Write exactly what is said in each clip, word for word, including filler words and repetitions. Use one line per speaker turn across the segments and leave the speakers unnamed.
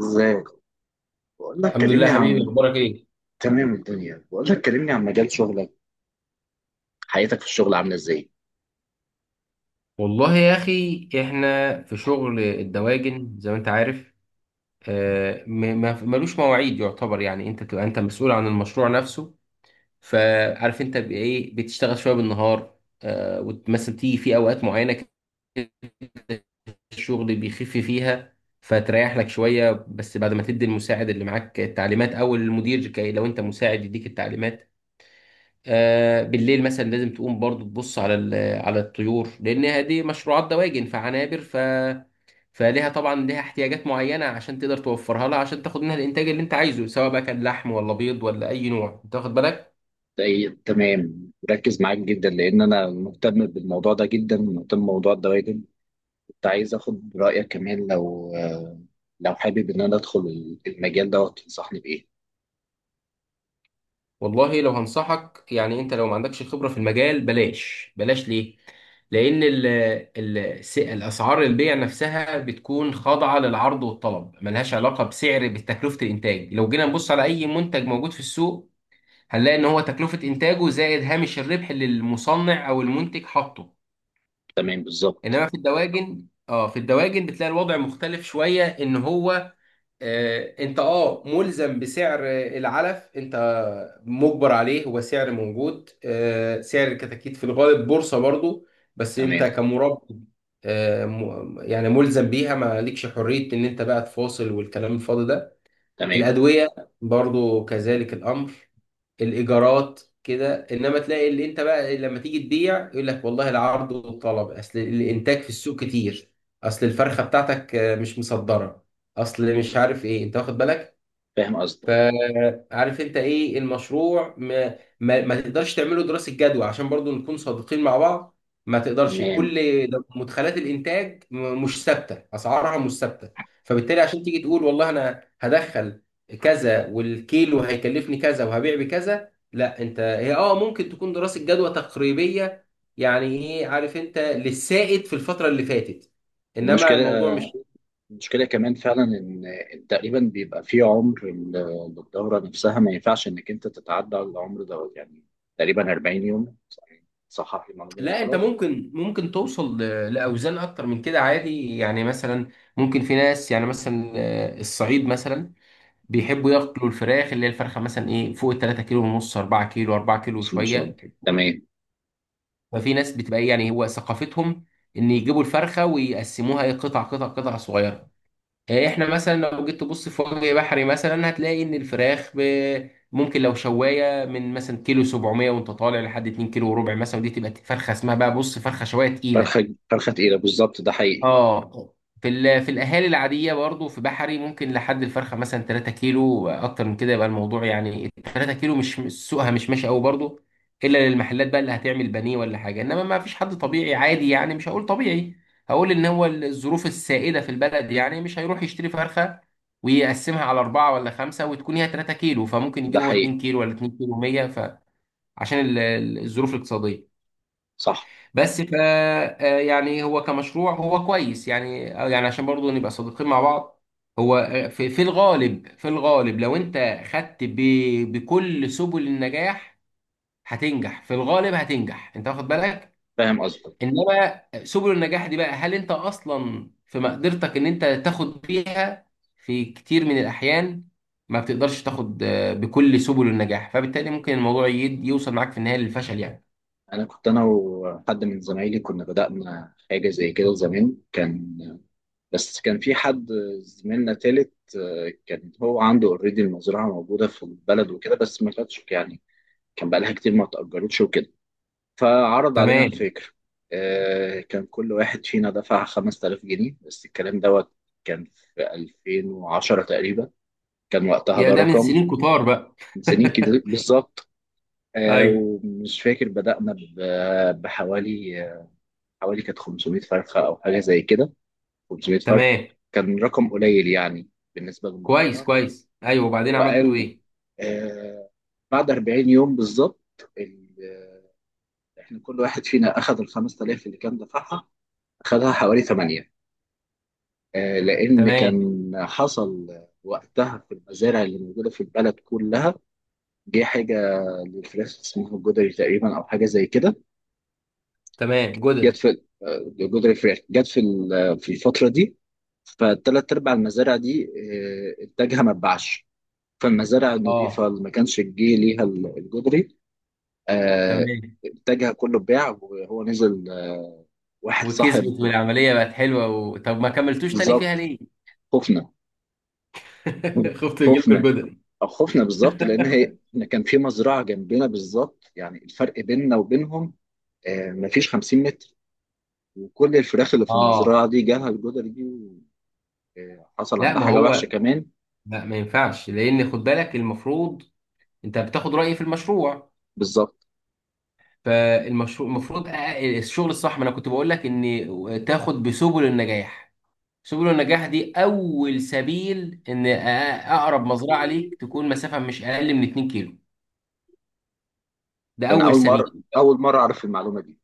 ازيك. بقول لك
الحمد لله
كلمني
يا حبيبي،
عن.
اخبارك ايه؟
تمام الدنيا، بقول لك كلمني عن مجال شغلك. حياتك في الشغل عامله ازاي؟
والله يا أخي، إحنا في شغل الدواجن زي ما أنت عارف. آه، م- ما- ملوش مواعيد يعتبر. يعني أنت بتبقى أنت مسؤول عن المشروع نفسه، فعارف أنت بإيه بتشتغل. شوية بالنهار، آه، ومثلا تيجي في أوقات معينة كده الشغل بيخف فيها فتريح لك شوية، بس بعد ما تدي المساعد اللي معاك التعليمات، أو المدير كي لو أنت مساعد يديك التعليمات. آه، بالليل مثلا لازم تقوم برضو تبص على ال- على الطيور، لان دي مشروعات دواجن فعنابر ف فليها طبعا، ليها احتياجات معينه عشان تقدر توفرها لها، عشان تاخد منها الانتاج اللي انت عايزه، سواء بقى كان لحم ولا بيض ولا اي نوع، انت واخد بالك.
زي- تمام، مركز معاك جدا لان انا مهتم بالموضوع ده، جدا مهتم بموضوع الدوائر. كنت عايز اخد رايك كمان لو آه، لو حابب ان انا ادخل المجال ده، تنصحني بايه؟
والله، لو هنصحك يعني، انت لو ما عندكش خبره في المجال بلاش، بلاش ليه؟ لان ال ال س- الاسعار البيع نفسها بتكون خاضعه للعرض والطلب، ملهاش علاقه بسعر بتكلفه الانتاج. لو جينا نبص على اي منتج موجود في السوق، هنلاقي ان هو تكلفة انتاجه زائد هامش الربح اللي المصنع او المنتج حاطه.
تمام بالظبط.
انما في الدواجن، اه في الدواجن بتلاقي الوضع مختلف شوية. ان هو آه انت اه ملزم بسعر آه، العلف انت مجبر عليه، هو سعر موجود، آه سعر الكتاكيت في الغالب بورصة برضو، بس انت
تمام.
كمربي آه م- يعني ملزم بيها، ما لكش حرية ان انت بقى تفاصل والكلام الفاضي ده.
تمام.
الأدوية برضو كذلك الأمر، الإيجارات كده. إنما تلاقي اللي أنت بقى لما تيجي تبيع يقول لك والله العرض والطلب، أصل الإنتاج في السوق كتير، أصل الفرخة بتاعتك آه، مش مصدرة، أصل مش عارف إيه، أنت واخد بالك.
فاهم قصدك.
فعارف انت ايه المشروع؟ ما, ما, ما تقدرش تعمله دراسة جدوى، عشان برضو نكون صادقين مع بعض. ما تقدرش،
تمام.
كل ده- مدخلات الانتاج م- مش ثابتة، اسعارها مش ثابتة. فبالتالي عشان تيجي تقول والله انا هدخل كذا والكيلو هيكلفني كذا وهبيع بكذا، لا. انت هي اه ممكن تكون دراسة جدوى تقريبية، يعني ايه، عارف انت، للسائد في الفترة اللي فاتت، انما
المشكله،
الموضوع مش...
المشكلة كمان فعلا إن تقريبا بيبقى في عمر لل- للدورة نفسها، ما ينفعش إنك أنت تتعدى على العمر دوت، يعني تقريبا أربعين يوم. صحح لي المعلومة لو
لا، انت
غلط.
ممكن، ممكن توصل ل- لاوزان اكتر من كده عادي. يعني مثلا ممكن في ناس، يعني مثلا آه، الصعيد مثلا بيحبوا ياكلوا الفراخ، اللي هي الفرخه مثلا ايه فوق ال ثلاثة كيلو ونص، اربعة كيلو، اربعة كيلو
بس إن شاء الله.
وشويه.
تمام.
ففي ناس بتبقى ايه يعني هو ثقافتهم ان يجيبوا الفرخه ويقسموها ايه قطع قطع قطع صغيره. آه، احنا مثلا لو جيت تبص في وجه بحري مثلا، هتلاقي ان الفراخ ب- ممكن لو شوايه من مثلا كيلو سبعمائة وانت طالع لحد اتنين كيلو وربع مثلا، ودي تبقى فرخه اسمها بقى بص فرخه شوايه تقيله.
فرخة، فرخة تقيلة بالظبط، ده حقيقي.
اه. في ال- في الاهالي العاديه برضو في بحري ممكن لحد الفرخه مثلا تلاتة كيلو، اكتر من كده يبقى الموضوع يعني تلاتة كيلو، مش مش- سوقها مش ماشي قوي برضو، الا للمحلات بقى اللي هتعمل بانيه ولا حاجه. انما ما فيش حد طبيعي عادي، يعني مش هقول طبيعي، هقول ان هو الظروف السائده في البلد، يعني مش هيروح يشتري فرخه ويقسمها على أربعة ولا خمسة وتكون هي ثلاثة كيلو، فممكن
ده
يجيب هو
حقيقي.
اتنين كيلو ولا اتنين كيلو مية، فعشان ال- ال- الظروف الاقتصادية.
صح.
بس ف آه، يعني هو كمشروع هو كويس يعني، آه، يعني عشان برضو نبقى صادقين مع بعض، هو آه، في في الغالب في الغالب لو انت خدت ب... بكل سبل النجاح هتنجح، في الغالب هتنجح، انت واخد بالك.
فاهم قصدك.
انما سبل النجاح دي بقى، هل انت اصلا في مقدرتك ان انت تاخد بيها؟ في كتير من الاحيان ما بتقدرش تاخد آه، بكل سبل النجاح، فبالتالي ممكن الموضوع يد- يوصل معاك في النهاية للفشل يعني.
أنا كنت أنا وحد من زمايلي، كنا بدأنا حاجة زي كده زمان. كان، بس كان في حد، زميلنا تالت، آه، كان هو عنده اوريدي المزرعة موجودة في البلد وكده، بس ما كانتش، يعني كان بقالها كتير ما اتأجرتش وكده، فعرض علينا
تمام.
الفكرة. آه، كان كل واحد فينا دفع خمسة آلاف جنيه بس، الكلام دوت كان في ألفين وعشرة تقريبا. كان وقتها
يا،
ده
ده من
رقم.
سنين كتار بقى.
من سنين كتير بالظبط. آه،
ايوه.
ومش فاكر بدأنا ب- بحوالي، حوالي كانت خمسمية فرخة أو حاجة زي كده. خمسمية فرخة،
تمام.
كان رقم قليل يعني بالنسبة
كويس
للمزرعة.
كويس، ايوه. وبعدين
هو
عملتوا
قال،
ايه؟
آه، بعد أربعين يوم بالظبط، احنا كل واحد فينا اخذ ال خمسة آلاف اللي كان دفعها، اخذها حوالي ثمانية. آه، لان
تمام.
كان حصل وقتها في المزارع اللي موجوده في البلد كلها، جه حاجه للفراخ اسمها الجدري تقريبا، او حاجه زي كده.
تمام،
جت
جدري.
في آه، جدري فراخ، جت في ال- آه، في الفتره دي. فالثلاث ارباع المزارع دي، آه، انتاجها ما اتباعش. فالمزارع
اه.
النظيفه اللي ما كانش جه ليها ال- الجدري، آه،
تمام.
انتاجها كله اتباع وهو نزل. آه، واحد صاحب،
وكسبت والعمليه بقت حلوه و... طب ما كملتوش تاني فيها
بالظبط.
ليه؟
خفنا.
خفت يجيلكوا
خفنا.
الجدري.
او خفنا بالظبط، لان هي إن كان في مزرعه جنبنا بالظبط، يعني الفرق بيننا وبينهم آه، مفيش خمسين متر، وكل الفراخ اللي في
اه.
المزرعه دي جالها الجدر دي، وحصل
لا
عندها
ما
حاجه وحشه
هو،
كمان.
لا ما ينفعش. لان خد بالك، المفروض انت بتاخد رايي في المشروع،
بالظبط،
فالمشروع المفروض أ- الشغل الصح، ما انا كنت بقول لك ان تاخد بسبل النجاح. سبل النجاح دي اول سبيل ان أ- اقرب مزرعه ليك تكون مسافه مش اقل من اتنين كيلو، ده
لان
اول
اول مره
سبيل.
اول مره اعرف المعلومه دي.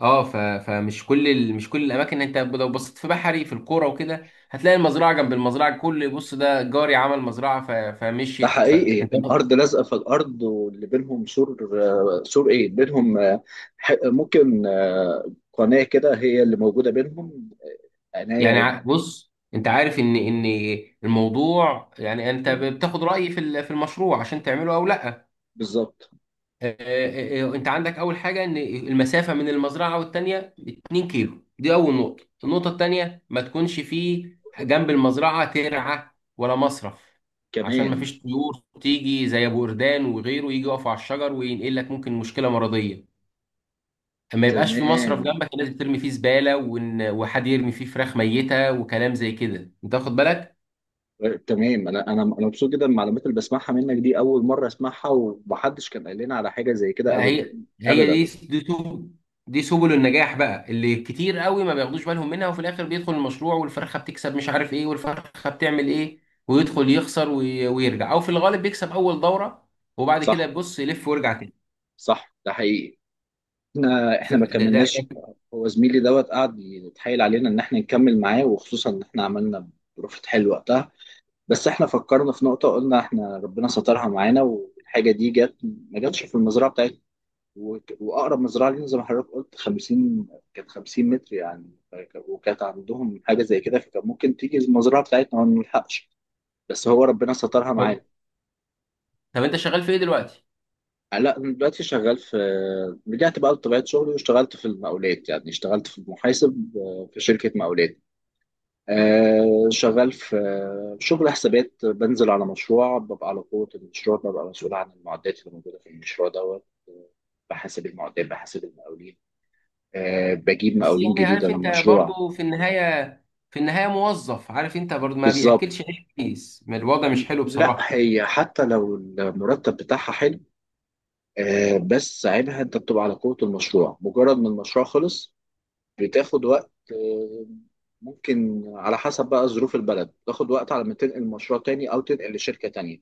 اه، ف... فمش كل ال... مش كل الاماكن. انت لو بصيت في بحري في القرى وكده هتلاقي المزرعه جنب المزرعه، كل بص ده جاري عمل مزرعه. ف...
ده
فمشيت. ف...
حقيقي، إيه،
انت
الارض لازقه في الارض، واللي بينهم سور. آه، سور ايه بينهم، آه، ح- ممكن آه، قناه كده هي اللي موجوده بينهم.
يعني
عناية.
ع- بص، انت عارف ان ان الموضوع، يعني انت بتاخد رايي في ال- في المشروع عشان تعمله او لا.
بالظبط.
آه، آه، آه، انت عندك اول حاجه ان المسافه من المزرعه والتانيه اتنين كيلو، دي اول نقطه. النقطه التانيه ما تكونش فيه جنب المزرعه ترعه ولا مصرف، عشان ما
كمان.
فيش طيور تيجي زي ابو قردان وغيره يجي يقف على الشجر وينقل لك ممكن مشكله مرضيه. ما يبقاش في مصرف
تمام.
جنبك الناس بترمي فيه زباله، وإن- وحد يرمي فيه فراخ ميته وكلام زي كده، انت واخد بالك.
تمام، انا انا انا مبسوط جدا بالمعلومات اللي بسمعها منك دي، اول مره اسمعها ومحدش كان قال لنا على حاجه زي كده
لا،
ابدا.
هي هي دي
ابدا.
دي سبل دي سبل النجاح بقى اللي كتير قوي ما بياخدوش بالهم منها، وفي الاخر بيدخل المشروع والفرخه بتكسب مش عارف ايه والفرخه بتعمل ايه، ويدخل يخسر وي- ويرجع، او في الغالب بيكسب اول دوره وبعد كده
صح.
بيبص يلف ويرجع تاني.
صح، ده حقيقي. احنا احنا ما
فده ده احنا...
كملناش. هو زميلي دوت قعد يتحايل علينا ان احنا نكمل معاه، وخصوصا ان احنا عملنا ظروف حلوه وقتها. بس احنا فكرنا في نقطه، قلنا احنا ربنا سترها معانا، والحاجه دي جت ما جاتش في المزرعه بتاعتنا. وك- واقرب مزرعه ليهم زي ما حضرتك قلت خمسين، كانت خمسين متر يعني. فك- وكانت عندهم حاجه زي كده، فكان ممكن تيجي المزرعه بتاعتنا وما نلحقش، بس هو ربنا سترها معانا.
أو- طب انت شغال في ايه دلوقتي؟
لا، أنا دلوقتي شغال في، رجعت بقى لطبيعه شغلي واشتغلت في المقاولات، يعني اشتغلت في المحاسب، آه، في شركه مقاولات. آه، شغال في آه، شغل حسابات، بنزل على مشروع، ببقى على قوة المشروع، ببقى مسؤول عن المعدات اللي موجودة في المشروع دوت. آه، بحاسب المعدات، بحاسب المقاولين، آه، بجيب
بس
مقاولين
يعني
جديدة
عارف انت
للمشروع.
برضو في النهايه، في النهايه موظف، عارف انت برضو ما
بالظبط.
بياكلش عيش كويس، ما الوضع مش حلو
لا،
بصراحه.
هي حتى لو المرتب بتاعها حلو، آه، بس عيبها انت بتبقى على قوة المشروع، مجرد ما المشروع خلص بتاخد وقت. آه، ممكن على حسب بقى ظروف البلد تاخد وقت على ما تنقل مشروع تاني، او تنقل لشركة تانية.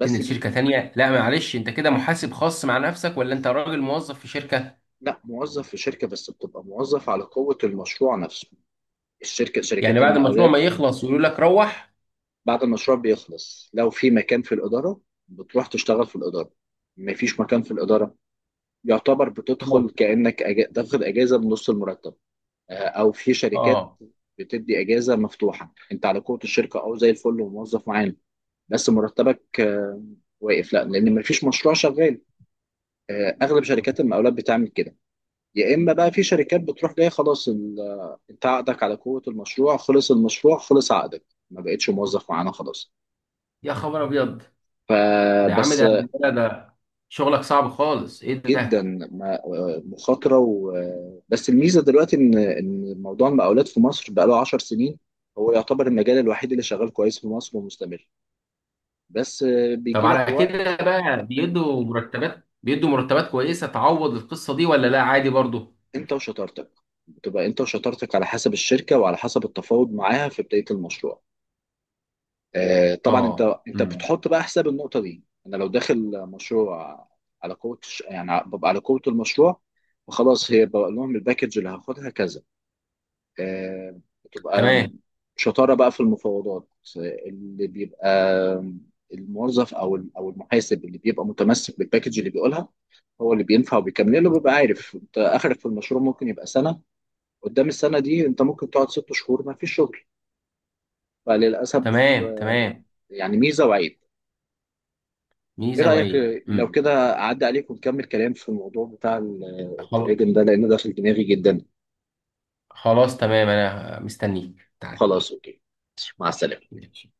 بس
تنقل شركه
بيجي.
تانيه؟ لا معلش، انت كده محاسب خاص مع نفسك، ولا انت راجل موظف في شركه؟
لا، موظف في شركة، بس بتبقى موظف على قوة المشروع نفسه. الشركة،
يعني
شركات
بعد المشروع ما
المقاولات.
يخلص يقولوا لك روح
بعد المشروع بيخلص، لو في مكان في الإدارة بتروح تشتغل في الإدارة. مفيش مكان في الإدارة، يعتبر
تموت.
بتدخل كأنك أج... تاخد أجازة بنص المرتب. آه، أو في شركات
اه.
بتدي أجازة مفتوحة، أنت على قوة الشركة أو زي الفل وموظف معانا، بس مرتبك آه، واقف، لا لأن مفيش مشروع شغال. آه، أغلب شركات المقاولات بتعمل كده. يا إما بقى في شركات بتروح جاية خلاص ال... آه، أنت عقدك على قوة المشروع، خلص المشروع خلص عقدك، ما بقتش موظف معانا خلاص.
يا خبر ابيض، ده يا عم،
فبس.
ده ده ده شغلك صعب خالص، ايه
جدا.
ده؟
ما- مخاطره و... بس الميزه دلوقتي، ان ان موضوع المقاولات في مصر بقى له 10 سنين، هو يعتبر المجال الوحيد اللي شغال كويس في مصر ومستمر. بس
طب
بيجي لك
على كده
وقت.
بقى، بيدوا مرتبات، بيدوا مرتبات كويسه تعوض القصه دي ولا لا عادي برضو؟
انت وشطارتك. بتبقى انت وشطارتك على حسب الشركه، وعلى حسب التفاوض معاها في بدايه المشروع. آه، طبعا انت
اه.
انت
امم.
بتحط بقى حساب النقطه دي. انا لو داخل مشروع على قوه الش- يعني ببقى على قوه المشروع، فخلاص هي بقول لهم الباكج اللي هاخدها كذا. آه، بتبقى
تمام
شطارة بقى في المفاوضات. آه، اللي بيبقى الموظف او او المحاسب اللي بيبقى متمسك بالباكج اللي بيقولها، هو اللي بينفع وبيكمل له، بيبقى عارف انت اخرك في المشروع ممكن يبقى سنة، قدام السنة دي انت ممكن تقعد ست شهور ما فيش شغل. فللاسف.
تمام.
آه،
تمام،
يعني ميزة وعيب. ايه
ميزه
رأيك
وعيب.
آه، لو
امم.
كده اعدي عليك ونكمل كلام في الموضوع بتاع ال-
خل-
التراجم ده، لان ده في دماغي جدا.
خلاص تمام، انا مستنيك، تعال.
خلاص اوكي. مع السلامة.
ماشي.